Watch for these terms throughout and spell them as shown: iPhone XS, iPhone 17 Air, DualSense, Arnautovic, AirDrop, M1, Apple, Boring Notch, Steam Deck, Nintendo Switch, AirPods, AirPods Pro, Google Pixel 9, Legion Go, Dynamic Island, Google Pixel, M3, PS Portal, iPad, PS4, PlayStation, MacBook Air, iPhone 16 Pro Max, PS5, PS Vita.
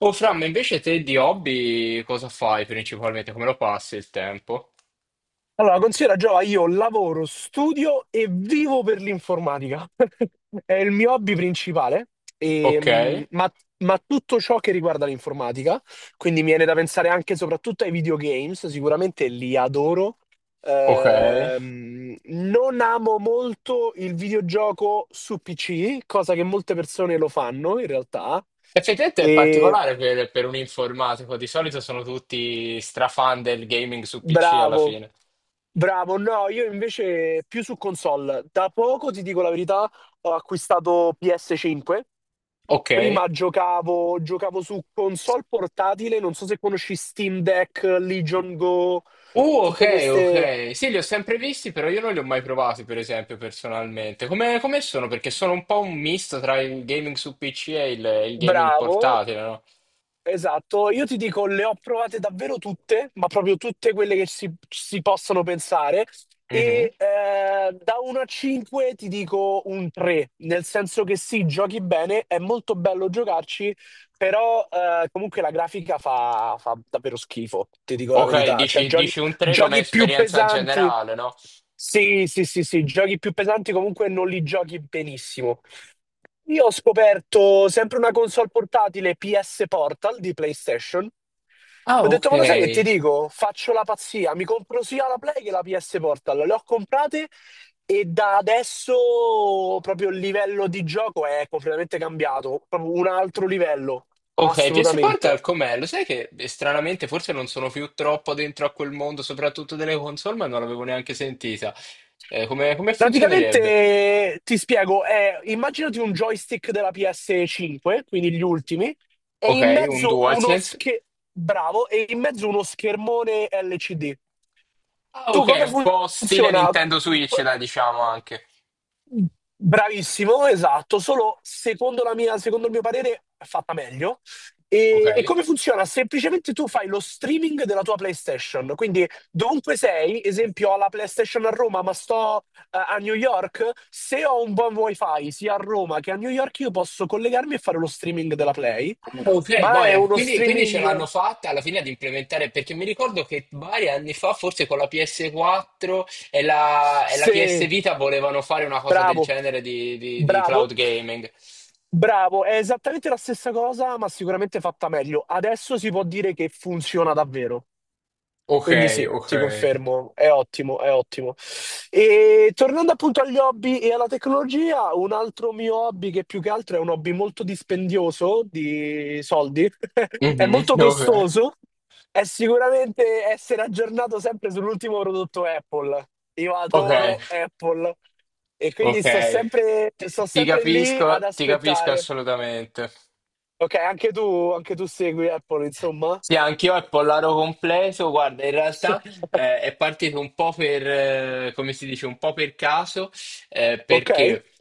Oh, Fra, ma invece te di hobby cosa fai principalmente? Come lo passi il tempo? Allora, considera Giova, io lavoro, studio e vivo per l'informatica. È il mio hobby principale, e, Ok, mh, ma, ma tutto ciò che riguarda l'informatica, quindi mi viene da pensare anche e soprattutto ai videogames, sicuramente li adoro. ok. Non amo molto il videogioco su PC, cosa che molte persone lo fanno in realtà. Effettivamente è particolare per un informatico, di solito sono tutti strafan del gaming su PC alla Bravo, fine. bravo. No, io invece più su console. Da poco, ti dico la verità, ho acquistato PS5. Ok. Prima giocavo, su console portatile, non so se conosci Steam Deck, Legion Go, tutte Ok, queste... ok. Sì, li ho sempre visti, però io non li ho mai provati, per esempio, personalmente. Come sono? Perché sono un po' un misto tra il gaming su PC e il gaming Bravo, portatile, no? esatto, io ti dico, le ho provate davvero tutte, ma proprio tutte quelle che si possono pensare. Mhm. Da 1 a 5 ti dico un 3, nel senso che sì, giochi bene, è molto bello giocarci, però comunque la grafica fa davvero schifo, ti dico la Ok, verità. Cioè, dici, giochi, dici un 3 come giochi più esperienza pesanti. generale, no? Sì, sì, sì, sì, giochi più pesanti comunque non li giochi benissimo. Io ho scoperto sempre una console portatile PS Portal di PlayStation. Ah, Ho ok. detto, ma lo sai che ti dico? Faccio la pazzia, mi compro sia la Play che la PS Portal. Le ho comprate e da adesso proprio il livello di gioco è completamente cambiato, proprio un altro livello, Ok, PS Portal assolutamente. com'è? Lo sai che stranamente forse non sono più troppo dentro a quel mondo, soprattutto delle console, ma non l'avevo neanche sentita. Come funzionerebbe? Praticamente ti spiego, è, immaginati un joystick della PS5, quindi gli ultimi, e Ok, in un mezzo uno DualSense. schermo, bravo, e in mezzo uno schermone LCD. Ah, Tu ok, come un po' stile funziona? Nintendo Switch, dai, diciamo anche. Bravissimo, esatto, solo secondo il mio parere è fatta meglio. Ok. E come funziona? Semplicemente tu fai lo streaming della tua PlayStation, quindi dovunque sei, esempio ho la PlayStation a Roma, ma sto a New York, se ho un buon wifi sia a Roma che a New York, io posso collegarmi e fare lo streaming della Play, Ah, ok, ma è boia, uno quindi ce streaming. l'hanno fatta alla fine ad implementare, perché mi ricordo che vari anni fa, forse con la PS4 e la PS Sì, Vita, volevano fare una cosa del bravo, genere di bravo, cloud gaming. bravo. È esattamente la stessa cosa, ma sicuramente fatta meglio. Adesso si può dire che funziona davvero. Quindi Okay, sì, ti okay. confermo, è ottimo, è ottimo. E tornando appunto agli hobby e alla tecnologia, un altro mio hobby, che più che altro è un hobby molto dispendioso di soldi, è molto Mh-mh, okay, costoso, è sicuramente essere aggiornato sempre sull'ultimo prodotto Apple. Io okay, adoro Apple e quindi okay. Ti sto ti sempre lì ad capisco ti capisco aspettare. assolutamente. Ok, anche tu segui Apple, insomma. Sì, anch'io è Pollaro completo. Guarda, in realtà è partito un po' per, come si dice, un po' per caso, Ok? perché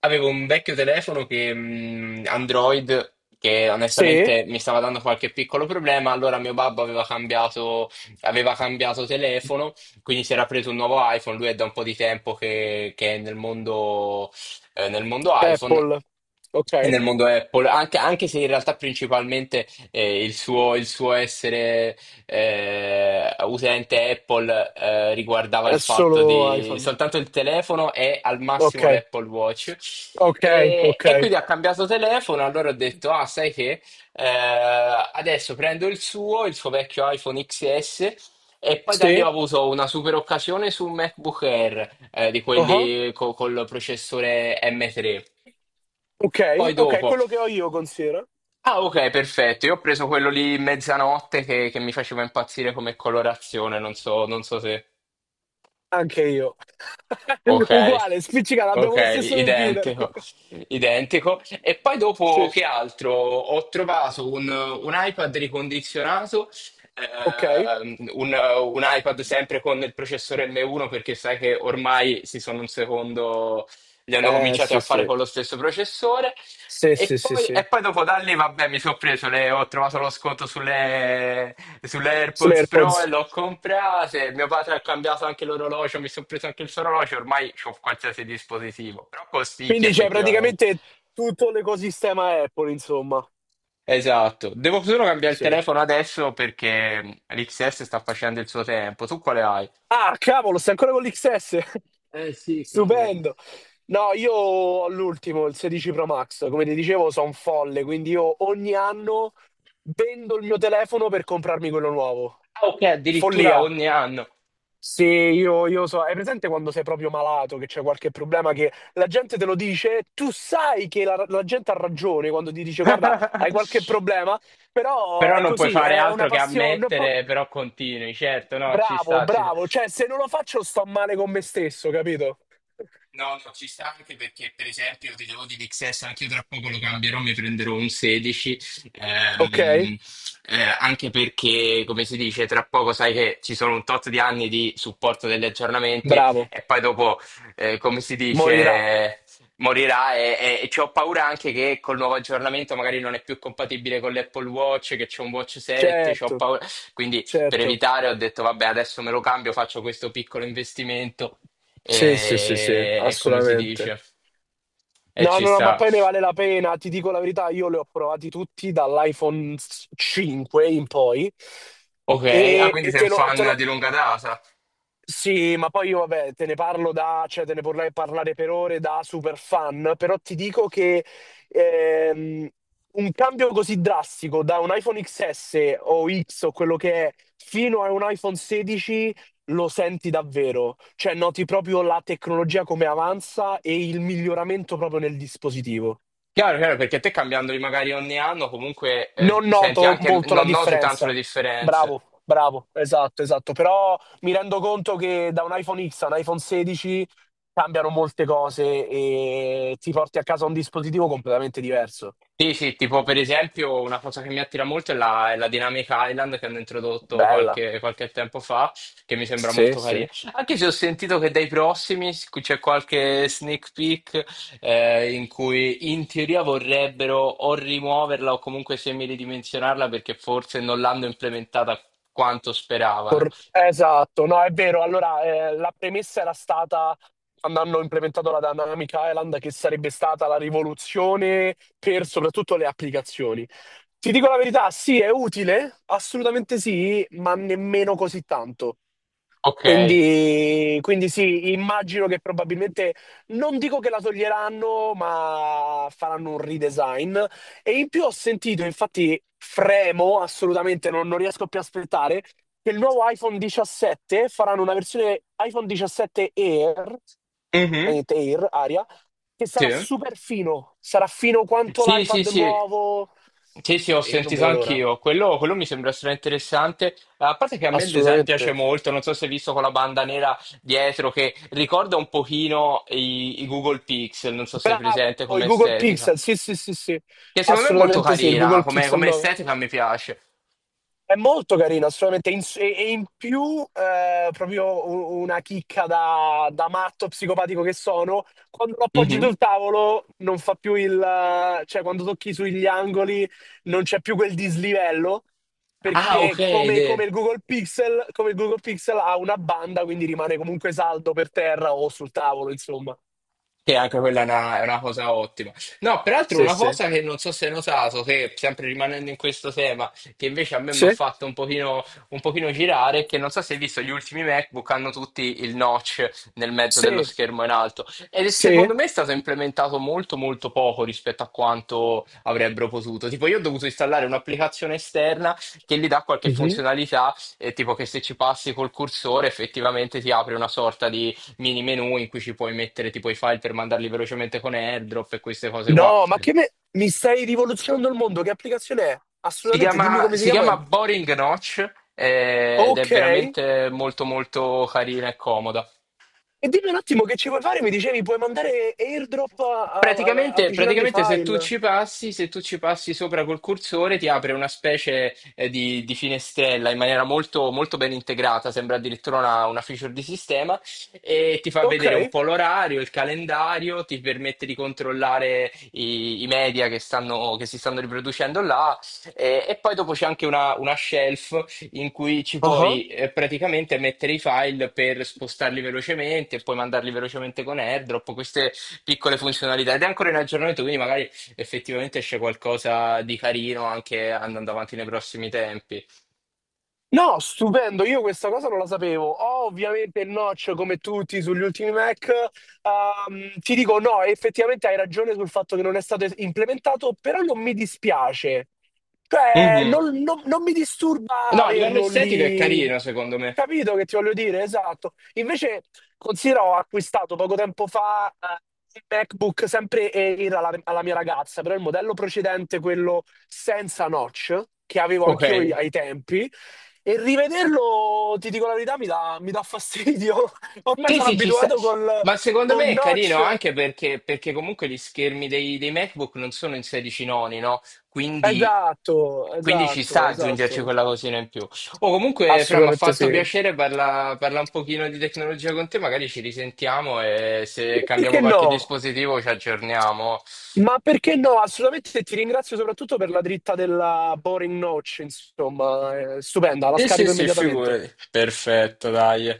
avevo un vecchio telefono che, Android che Sì, onestamente mi stava dando qualche piccolo problema. Allora mio babbo aveva cambiato telefono, quindi si era preso un nuovo iPhone. Lui è da un po' di tempo che è nel mondo iPhone. Apple. Ok, E nel mondo Apple, anche, anche se in realtà principalmente il suo essere utente Apple riguardava il è fatto solo di iPhone. soltanto il telefono e al Ok, massimo l'Apple Watch. ok, E, ok. e quindi ha cambiato telefono, allora ho detto, ah, sai che adesso prendo il suo vecchio iPhone XS e poi da lì Sì, ho avuto una super occasione su un MacBook Air, di uh-huh. quelli col processore M3. Ok, Poi ok, dopo, quello che ho io considero. ah ok, perfetto, io ho preso quello lì mezzanotte che mi faceva impazzire come colorazione, non so, non so se... Anche io. Ok. Uguale, spiccicata, Ok, abbiamo lo stesso computer. identico, identico. E poi dopo Sì, che altro? Ho trovato un iPad ricondizionato, ok. ehm, un, un iPad sempre con il processore M1 perché sai che ormai si sono un secondo, li hanno cominciati a Sì, fare sì. con lo stesso processore Sì, sì, sì, sì. e poi dopo da lì, vabbè, mi sono preso le, ho trovato lo sconto sulle Sono AirPods Pro e AirPods. l'ho comprate. Mio padre ha cambiato anche l'orologio, mi sono preso anche il suo orologio, ormai ho qualsiasi dispositivo, però costicchia Quindi c'è effettivamente. praticamente tutto l'ecosistema Apple, insomma. Esatto, devo solo cambiare il Sì. telefono adesso perché l'XS sta facendo il suo tempo. Tu quale hai? Ah, cavolo, stai ancora con l'XS? Eh sì, cavolo. Stupendo. No, io ho l'ultimo, il 16 Pro Max. Come ti dicevo, sono un folle, quindi io ogni anno vendo il mio telefono per comprarmi quello nuovo. Ah, ok, addirittura Follia. ogni anno. Sì, io so, hai presente quando sei proprio malato, che c'è qualche problema, che la gente te lo dice, tu sai che la gente ha ragione quando ti dice guarda, hai qualche problema, però Però è non puoi così, fare è una altro che passione. Un po'- ammettere, però continui, certo, no, ci Bravo, sta, ci sta. bravo, cioè se non lo faccio sto male con me stesso, capito? No, no, ci sta anche perché, per esempio, io ti devo di XS, anche io tra poco lo cambierò, mi prenderò un 16, Ok? ehm, anche perché, come si dice, tra poco sai che ci sono un tot di anni di supporto degli aggiornamenti Bravo, e poi dopo, come si morirà. dice, morirà e ci ho paura anche che col nuovo aggiornamento magari non è più compatibile con l'Apple Watch, che c'è un Watch 7, c'ho Certo, paura. Quindi per certo. evitare ho detto, vabbè, adesso me lo cambio, faccio questo piccolo investimento Sì, sì, sì, sì, e come si assolutamente. dice? E No, ci no, no, sta. ma poi ne vale la pena, ti dico la verità, io li ho provati tutti dall'iPhone 5 in poi Ok, ah, e, quindi sei un fan di lunga data. Sì, ma poi io vabbè, te ne parlo da, cioè te ne vorrei parlare per ore da super fan, però ti dico che ehm, un cambio così drastico da un iPhone XS o X o quello che è fino a un iPhone 16 lo senti davvero, cioè noti proprio la tecnologia come avanza e il miglioramento proprio nel dispositivo. Chiaro, chiaro, perché te cambiandoli magari ogni anno comunque Non senti noto anche, molto la non noti tanto le differenza. differenze. Bravo, bravo, esatto, esatto. Però mi rendo conto che da un iPhone X a un iPhone 16 cambiano molte cose e ti porti a casa un dispositivo completamente diverso. Sì, sì, tipo per esempio una cosa che mi attira molto è la Dynamic Island che hanno introdotto Bella, qualche tempo fa, che mi sembra sì, molto sì. carina. Anche se ho sentito che dai prossimi c'è qualche sneak peek in cui in teoria vorrebbero o rimuoverla o comunque semiridimensionarla perché forse non l'hanno implementata quanto speravano. Esatto, no, è vero. Allora, la premessa era stata, Quando hanno implementato la Dynamic Island, che sarebbe stata la rivoluzione per soprattutto le applicazioni. Ti dico la verità, sì, è utile, assolutamente sì, ma nemmeno così tanto. Ok. Quindi sì, immagino che probabilmente, non dico che la toglieranno, ma faranno un redesign. E in più ho sentito, infatti fremo assolutamente, non riesco più a aspettare, che il nuovo iPhone 17 faranno una versione iPhone 17 Air, Mhm. praticamente Air, Aria, che sarà Sì. super fino, sarà fino quanto Sì, sì, l'iPad sì. nuovo. Sì, sì, ho E io non sentito vedo l'ora, anch'io. Quello mi sembra estremamente interessante. A parte che a me il design piace assolutamente. molto, non so se hai visto con la banda nera dietro, che ricorda un pochino i Google Pixel, non so se è presente Bravo, i come Google estetica. Pixel, sì, sì, sì, sì, Che secondo me è molto assolutamente sì, il carina, Google come, Pixel come 9. estetica mi piace. È molto carino, assolutamente, e in più proprio una chicca da matto psicopatico che sono, quando lo appoggi Mhm. sul tavolo non fa più il... cioè quando tocchi sugli angoli non c'è più quel dislivello, Ah, ok, perché idea. come il Google Pixel, come il Google Pixel ha una banda, quindi rimane comunque saldo per terra o sul tavolo, insomma. Sì, anche quella è è una cosa ottima. No, peraltro Sì, una sì. cosa che non so se hai notato, che sempre rimanendo in questo tema, che invece a me mi ha Sì? fatto un pochino girare, è che non so se hai visto gli ultimi MacBook hanno tutti il notch nel mezzo dello Sì, schermo in alto. Ed è, sì? secondo me è stato implementato molto molto poco rispetto a quanto avrebbero potuto. Tipo io ho dovuto installare un'applicazione esterna che gli dà qualche Sì, sì. funzionalità, tipo che se ci passi col cursore effettivamente ti apre una sorta di mini menu in cui ci puoi mettere tipo i file per mandarli velocemente con AirDrop e queste cose qua. No, ma che me... mi stai rivoluzionando il mondo? Che applicazione è? Si Assolutamente, dimmi chiama, come si si chiama. chiama E- Boring Notch ed è Ok. veramente molto molto carina e comoda. E dimmi un attimo che ci vuoi fare? Mi dicevi, puoi mandare airdrop Praticamente, avvicinando i praticamente se file. Tu ci passi sopra col cursore ti apre una specie di finestrella in maniera molto, molto ben integrata, sembra addirittura una feature di sistema e ti fa vedere un Ok. po' l'orario, il calendario, ti permette di controllare i media che stanno, che si stanno riproducendo là e poi dopo c'è anche una shelf in cui ci puoi praticamente mettere i file per spostarli velocemente e poi mandarli velocemente con AirDrop. Queste, piccole funzionalità ed è ancora in aggiornamento, quindi magari effettivamente esce qualcosa di carino anche andando avanti nei prossimi tempi. No, stupendo, io questa cosa non la sapevo. Ho ovviamente il notch come tutti sugli ultimi Mac. Ti dico no, effettivamente hai ragione sul fatto che non è stato implementato, però non mi dispiace. Cioè, Mhm. Non mi disturba No, a livello averlo estetico è lì. carino, secondo me. Capito che ti voglio dire? Esatto. Invece, considero, ho acquistato poco tempo fa un MacBook sempre Air alla, alla mia ragazza, però il modello precedente, quello senza notch, che avevo Ok. anch'io ai tempi. E rivederlo, ti dico la verità, mi dà fastidio. Ormai Sì, sono sì, ci sta. abituato col, Ma secondo me col è carino notch. anche perché, perché comunque gli schermi dei MacBook non sono in 16 noni, no? Quindi, Esatto, quindi ci esatto, sta aggiungerci esatto. quella cosina in più. O comunque, Fra, mi ha Assolutamente fatto sì. piacere parla un pochino di tecnologia con te, magari ci risentiamo e se cambiamo Perché qualche no? dispositivo ci aggiorniamo. Ma perché no? Assolutamente ti ringrazio soprattutto per la dritta della Boring Notch, insomma, è stupenda, la Sì, sì, scarico sì, immediatamente. figurati. Perfetto, dai.